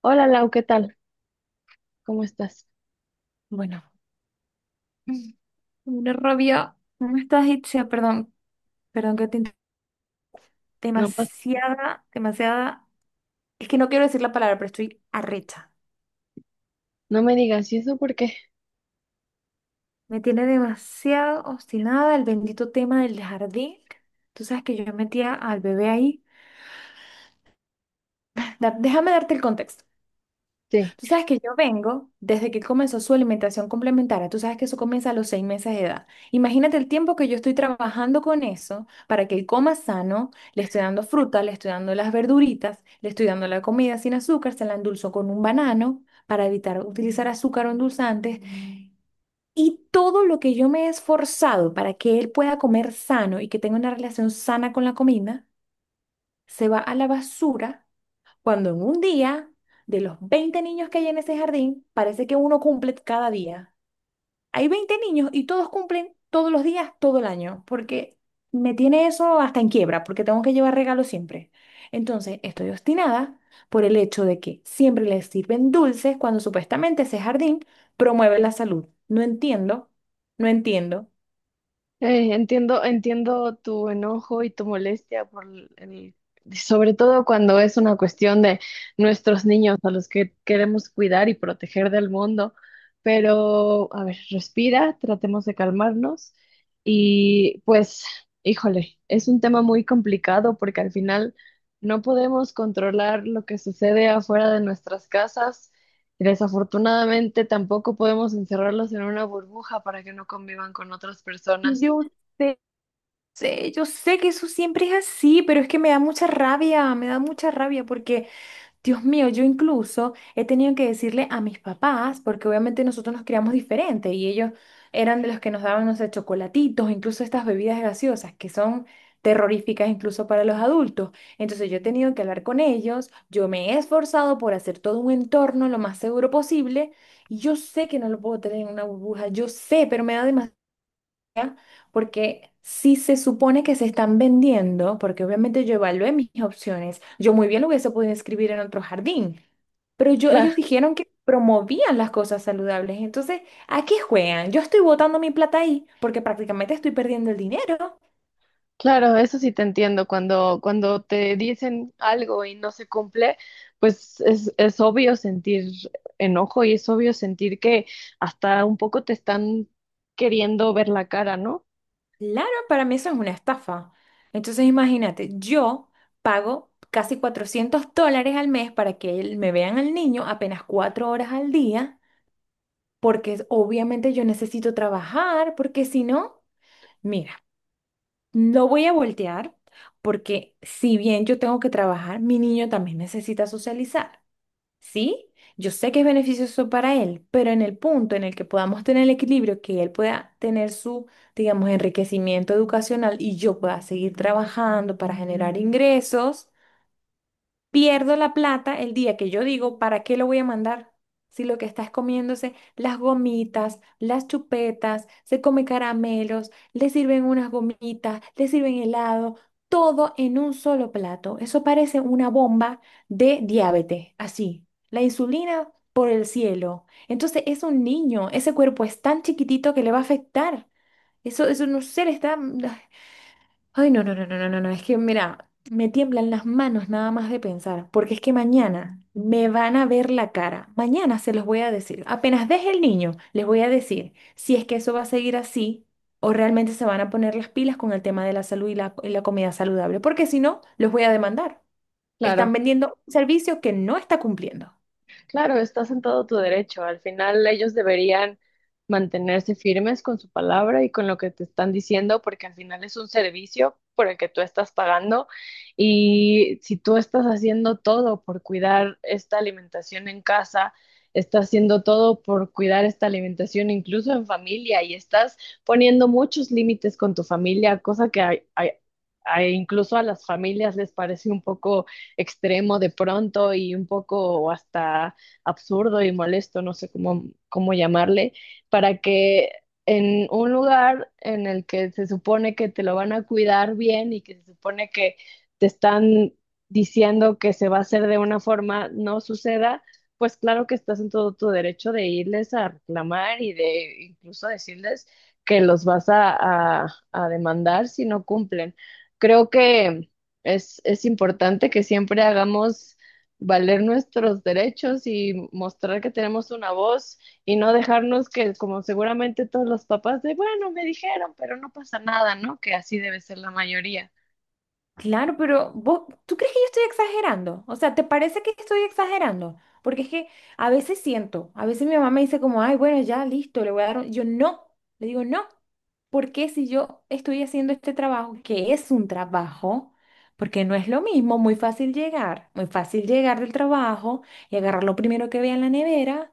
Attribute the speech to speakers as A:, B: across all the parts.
A: Hola Lau, ¿qué tal? ¿Cómo estás?
B: Bueno, una rabia, una estrategia, perdón, perdón que te inter-
A: No pas-
B: demasiada, demasiada, es que no quiero decir la palabra, pero estoy arrecha.
A: no me digas, ¿y eso por qué?
B: Me tiene demasiado obstinada el bendito tema del jardín. Tú sabes que yo metía al bebé ahí. Déjame darte el contexto.
A: Sí.
B: Tú sabes que yo vengo desde que comenzó su alimentación complementaria. Tú sabes que eso comienza a los 6 meses de edad. Imagínate el tiempo que yo estoy trabajando con eso para que él coma sano. Le estoy dando fruta, le estoy dando las verduritas, le estoy dando la comida sin azúcar, se la endulzo con un banano para evitar utilizar azúcar o endulzantes. Y todo lo que yo me he esforzado para que él pueda comer sano y que tenga una relación sana con la comida, se va a la basura cuando en un día, de los 20 niños que hay en ese jardín, parece que uno cumple cada día. Hay 20 niños y todos cumplen todos los días, todo el año, porque me tiene eso hasta en quiebra, porque tengo que llevar regalos siempre. Entonces, estoy obstinada por el hecho de que siempre les sirven dulces cuando supuestamente ese jardín promueve la salud. No entiendo, no entiendo.
A: Entiendo, entiendo tu enojo y tu molestia por sobre todo cuando es una cuestión de nuestros niños a los que queremos cuidar y proteger del mundo. Pero, a ver, respira, tratemos de calmarnos y pues, híjole, es un tema muy complicado porque al final no podemos controlar lo que sucede afuera de nuestras casas. Desafortunadamente, tampoco podemos encerrarlos en una burbuja para que no convivan con otras personas.
B: Yo sé, Sí, yo sé que eso siempre es así, pero es que me da mucha rabia, me da mucha rabia porque, Dios mío, yo incluso he tenido que decirle a mis papás, porque obviamente nosotros nos criamos diferente y ellos eran de los que nos daban, no sé, chocolatitos, incluso estas bebidas gaseosas que son terroríficas incluso para los adultos. Entonces yo he tenido que hablar con ellos, yo me he esforzado por hacer todo un entorno lo más seguro posible y yo sé que no lo puedo tener en una burbuja, yo sé, pero me da demasiado, porque si se supone que se están vendiendo, porque obviamente yo evalué mis opciones, yo muy bien lo hubiese podido escribir en otro jardín, pero yo,
A: Claro,
B: ellos dijeron que promovían las cosas saludables, entonces, ¿a qué juegan? Yo estoy botando mi plata ahí porque prácticamente estoy perdiendo el dinero.
A: claro, eso sí te entiendo. Cuando te dicen algo y no se cumple, pues es obvio sentir enojo y es obvio sentir que hasta un poco te están queriendo ver la cara, ¿no?
B: Claro, para mí eso es una estafa. Entonces, imagínate, yo pago casi $400 al mes me vean al niño apenas 4 horas al día. Obviamente yo necesito trabajar, porque si no, mira, no voy a voltear, porque si bien yo tengo que trabajar, mi niño también necesita socializar, ¿sí? Yo sé que es beneficioso para él, pero en el punto en el que podamos tener el equilibrio, que él pueda tener su, digamos, enriquecimiento educacional y yo pueda seguir trabajando para generar ingresos. Pierdo la plata el día que yo digo, ¿para qué lo voy a mandar? Si lo que está es comiéndose las gomitas, las chupetas, se come caramelos, le sirven unas gomitas, le sirven helado, todo en un solo plato. Eso parece una bomba de diabetes, así. La insulina por el cielo. Entonces es un niño, ese cuerpo es tan chiquitito que le va a afectar. Eso no sé, le está... Ay, no, no, no, no, no, no, no, es que mira, me tiemblan las manos nada más de pensar, porque es que mañana me van a ver la cara, mañana se los voy a decir, apenas deje el niño, les voy a decir si es que eso va a seguir así o realmente se van a poner las pilas con el tema de la salud y y la comida saludable, porque si no, los voy a demandar.
A: Claro.
B: Están vendiendo un servicio que no está cumpliendo.
A: Claro, estás en todo tu derecho. Al final ellos deberían mantenerse firmes con su palabra y con lo que te están diciendo, porque al final es un servicio por el que tú estás pagando y si tú estás haciendo todo por cuidar esta alimentación en casa, estás haciendo todo por cuidar esta alimentación incluso en familia y estás poniendo muchos límites con tu familia, cosa que incluso a las familias les parece un poco extremo de pronto y un poco hasta absurdo y molesto, no sé cómo, cómo llamarle, para que en un lugar en el que se supone que te lo van a cuidar bien y que se supone que te están diciendo que se va a hacer de una forma, no suceda, pues claro que estás en todo tu derecho de irles a reclamar y de incluso decirles que los vas a demandar si no cumplen. Creo que es importante que siempre hagamos valer nuestros derechos y mostrar que tenemos una voz y no dejarnos que, como seguramente todos los papás, de bueno, me dijeron, pero no pasa nada, ¿no? Que así debe ser la mayoría.
B: Claro, pero vos, ¿tú crees que yo estoy exagerando? O sea, ¿te parece que estoy exagerando? Porque es que a veces siento, a veces mi mamá me dice como, ay, bueno, ya, listo, le voy a dar Yo no, le digo no, porque si yo estoy haciendo este trabajo, que es un trabajo, porque no es lo mismo, muy fácil llegar del trabajo y agarrar lo primero que vea en la nevera,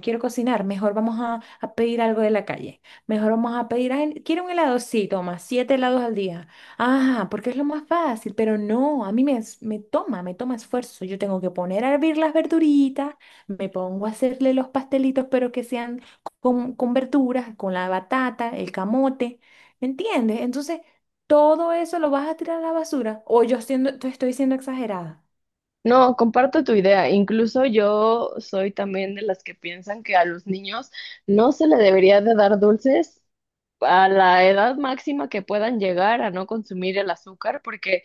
B: quiero cocinar, mejor vamos a pedir algo de la calle. Mejor vamos a pedir, "Ay, quiero un helado, sí, toma, siete helados al día". Ah, porque es lo más fácil, pero no, a mí me, es- me toma esfuerzo. Yo tengo que poner a hervir las verduritas, me pongo a hacerle los pastelitos, pero que sean con verduras, con la batata, el camote, ¿me entiendes? Entonces, todo eso lo vas a tirar a la basura, o te estoy siendo exagerada.
A: No, comparto tu idea. Incluso yo soy también de las que piensan que a los niños no se le debería de dar dulces a la edad máxima que puedan llegar a no consumir el azúcar, porque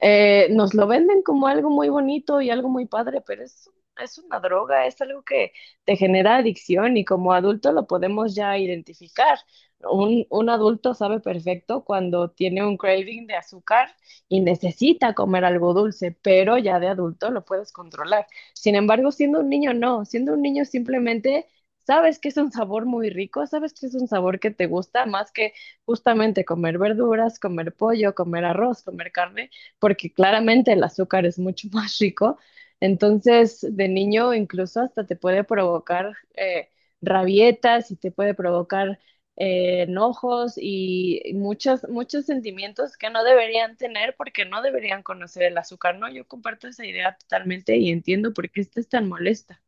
A: nos lo venden como algo muy bonito y algo muy padre, pero es una droga, es algo que te genera adicción y como adulto lo podemos ya identificar. Un adulto sabe perfecto cuando tiene un craving de azúcar y necesita comer algo dulce, pero ya de adulto lo puedes controlar. Sin embargo, siendo un niño no, siendo un niño simplemente sabes que es un sabor muy rico, sabes que es un sabor que te gusta más que justamente comer verduras, comer pollo, comer arroz, comer carne, porque claramente el azúcar es mucho más rico. Entonces, de niño incluso hasta te puede provocar rabietas y te puede provocar enojos y muchos, muchos sentimientos que no deberían tener porque no deberían conocer el azúcar, ¿no? Yo comparto esa idea totalmente y entiendo por qué estás tan molesta.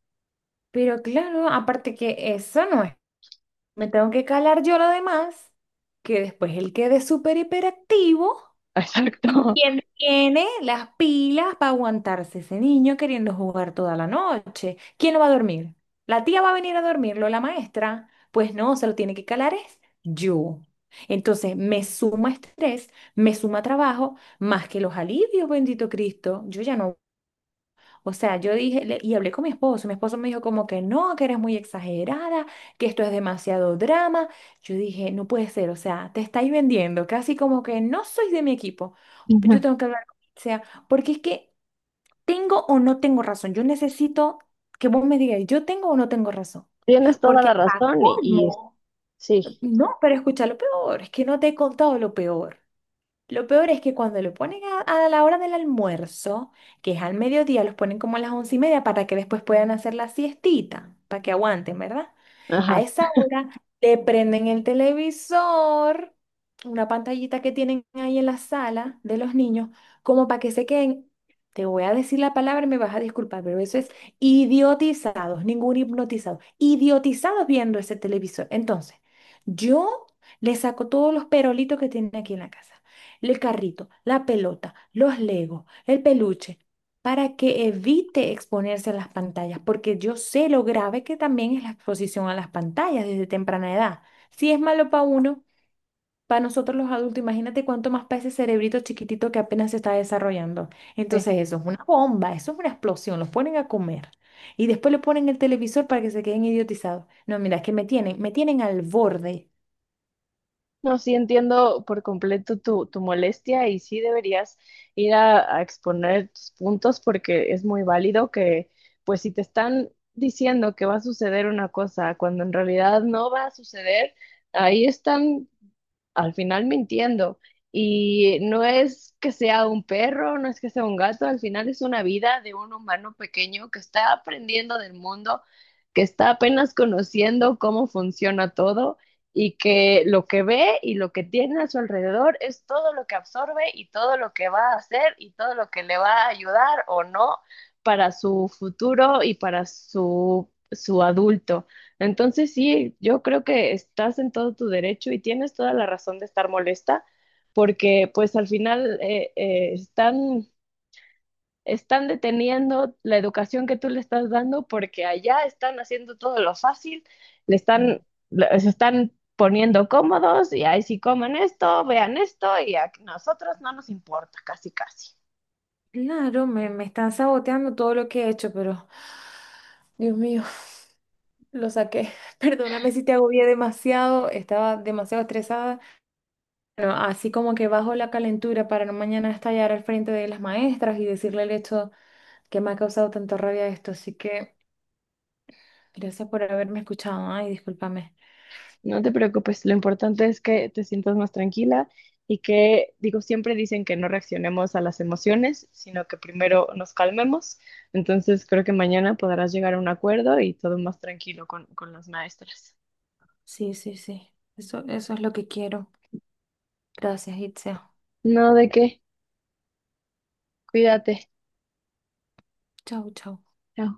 B: Pero claro, aparte que eso no es. Me tengo que calar yo lo demás, que después él quede súper hiperactivo. ¿Quién tiene las pilas para aguantarse ese niño queriendo jugar toda la noche? ¿Quién lo va a dormir? ¿La tía va a venir a dormirlo, la maestra? Pues no, se lo tiene que calar es yo. Entonces me suma estrés, me suma trabajo, más que los alivios, bendito Cristo. Yo ya no, o sea, yo dije, y hablé con mi esposo me dijo como que no, que eres muy exagerada, que esto es demasiado drama. Yo dije, no puede ser, o sea, te estáis vendiendo, casi como que no sois de mi equipo. Yo
A: Exacto.
B: tengo que hablar con, o sea, porque es que tengo o no tengo razón. Yo necesito que vos me digas, yo tengo o no tengo razón.
A: Tienes toda
B: Porque
A: la
B: para
A: razón y
B: colmo,
A: sí,
B: no, pero escucha lo peor, es que no te he contado lo peor. Lo peor es que cuando lo ponen a la hora del almuerzo, que es al mediodía, los ponen como a las 11:30 para que después puedan hacer la siestita, para que aguanten, ¿verdad? A
A: ajá.
B: esa hora le prenden el televisor, una pantallita que tienen ahí en la sala de los niños, como para que se queden, te voy a decir la palabra y me vas a disculpar, pero eso es idiotizados, ningún hipnotizado, idiotizados viendo ese televisor. Entonces, yo le saco todos los perolitos que tienen aquí en la casa, el carrito, la pelota, los legos, el peluche, para que evite exponerse a las pantallas, porque yo sé lo grave que también es la exposición a las pantallas desde temprana edad. Si es malo para uno, para nosotros los adultos, imagínate cuánto más para ese cerebrito chiquitito que apenas se está desarrollando.
A: Sí.
B: Entonces eso es una bomba, eso es una explosión, los ponen a comer. Y después le ponen el televisor para que se queden idiotizados. No, mira, es que me tienen al borde.
A: No, sí entiendo por completo tu molestia y sí deberías ir a exponer tus puntos porque es muy válido que, pues si te están diciendo que va a suceder una cosa cuando en realidad no va a suceder, ahí están al final mintiendo. Y no es que sea un perro, no es que sea un gato, al final es una vida de un humano pequeño que está aprendiendo del mundo, que está apenas conociendo cómo funciona todo y que lo que ve y lo que tiene a su alrededor es todo lo que absorbe y todo lo que va a hacer y todo lo que le va a ayudar o no para su futuro y para su, su adulto. Entonces sí, yo creo que estás en todo tu derecho y tienes toda la razón de estar molesta, porque pues al final están, están deteniendo la educación que tú le estás dando porque allá están haciendo todo lo fácil, le
B: Mm.
A: están, se están poniendo cómodos y ahí si comen esto, vean esto y a nosotros no nos importa, casi casi.
B: Claro, me están saboteando todo lo que he hecho, pero Dios mío, lo saqué. Perdóname si te agobié demasiado, estaba demasiado estresada. Bueno, así como que bajo la calentura para no mañana estallar al frente de las maestras y decirle el hecho que me ha causado tanta rabia esto. Así que gracias por haberme escuchado. Ay, discúlpame.
A: No te preocupes, lo importante es que te sientas más tranquila y que, digo, siempre dicen que no reaccionemos a las emociones, sino que primero nos calmemos. Entonces creo que mañana podrás llegar a un acuerdo y todo más tranquilo con las maestras.
B: Sí, sí, sí. Eso es lo que quiero. Gracias, Itzia.
A: No, ¿de qué? Cuídate.
B: Chau, chau.
A: Chao.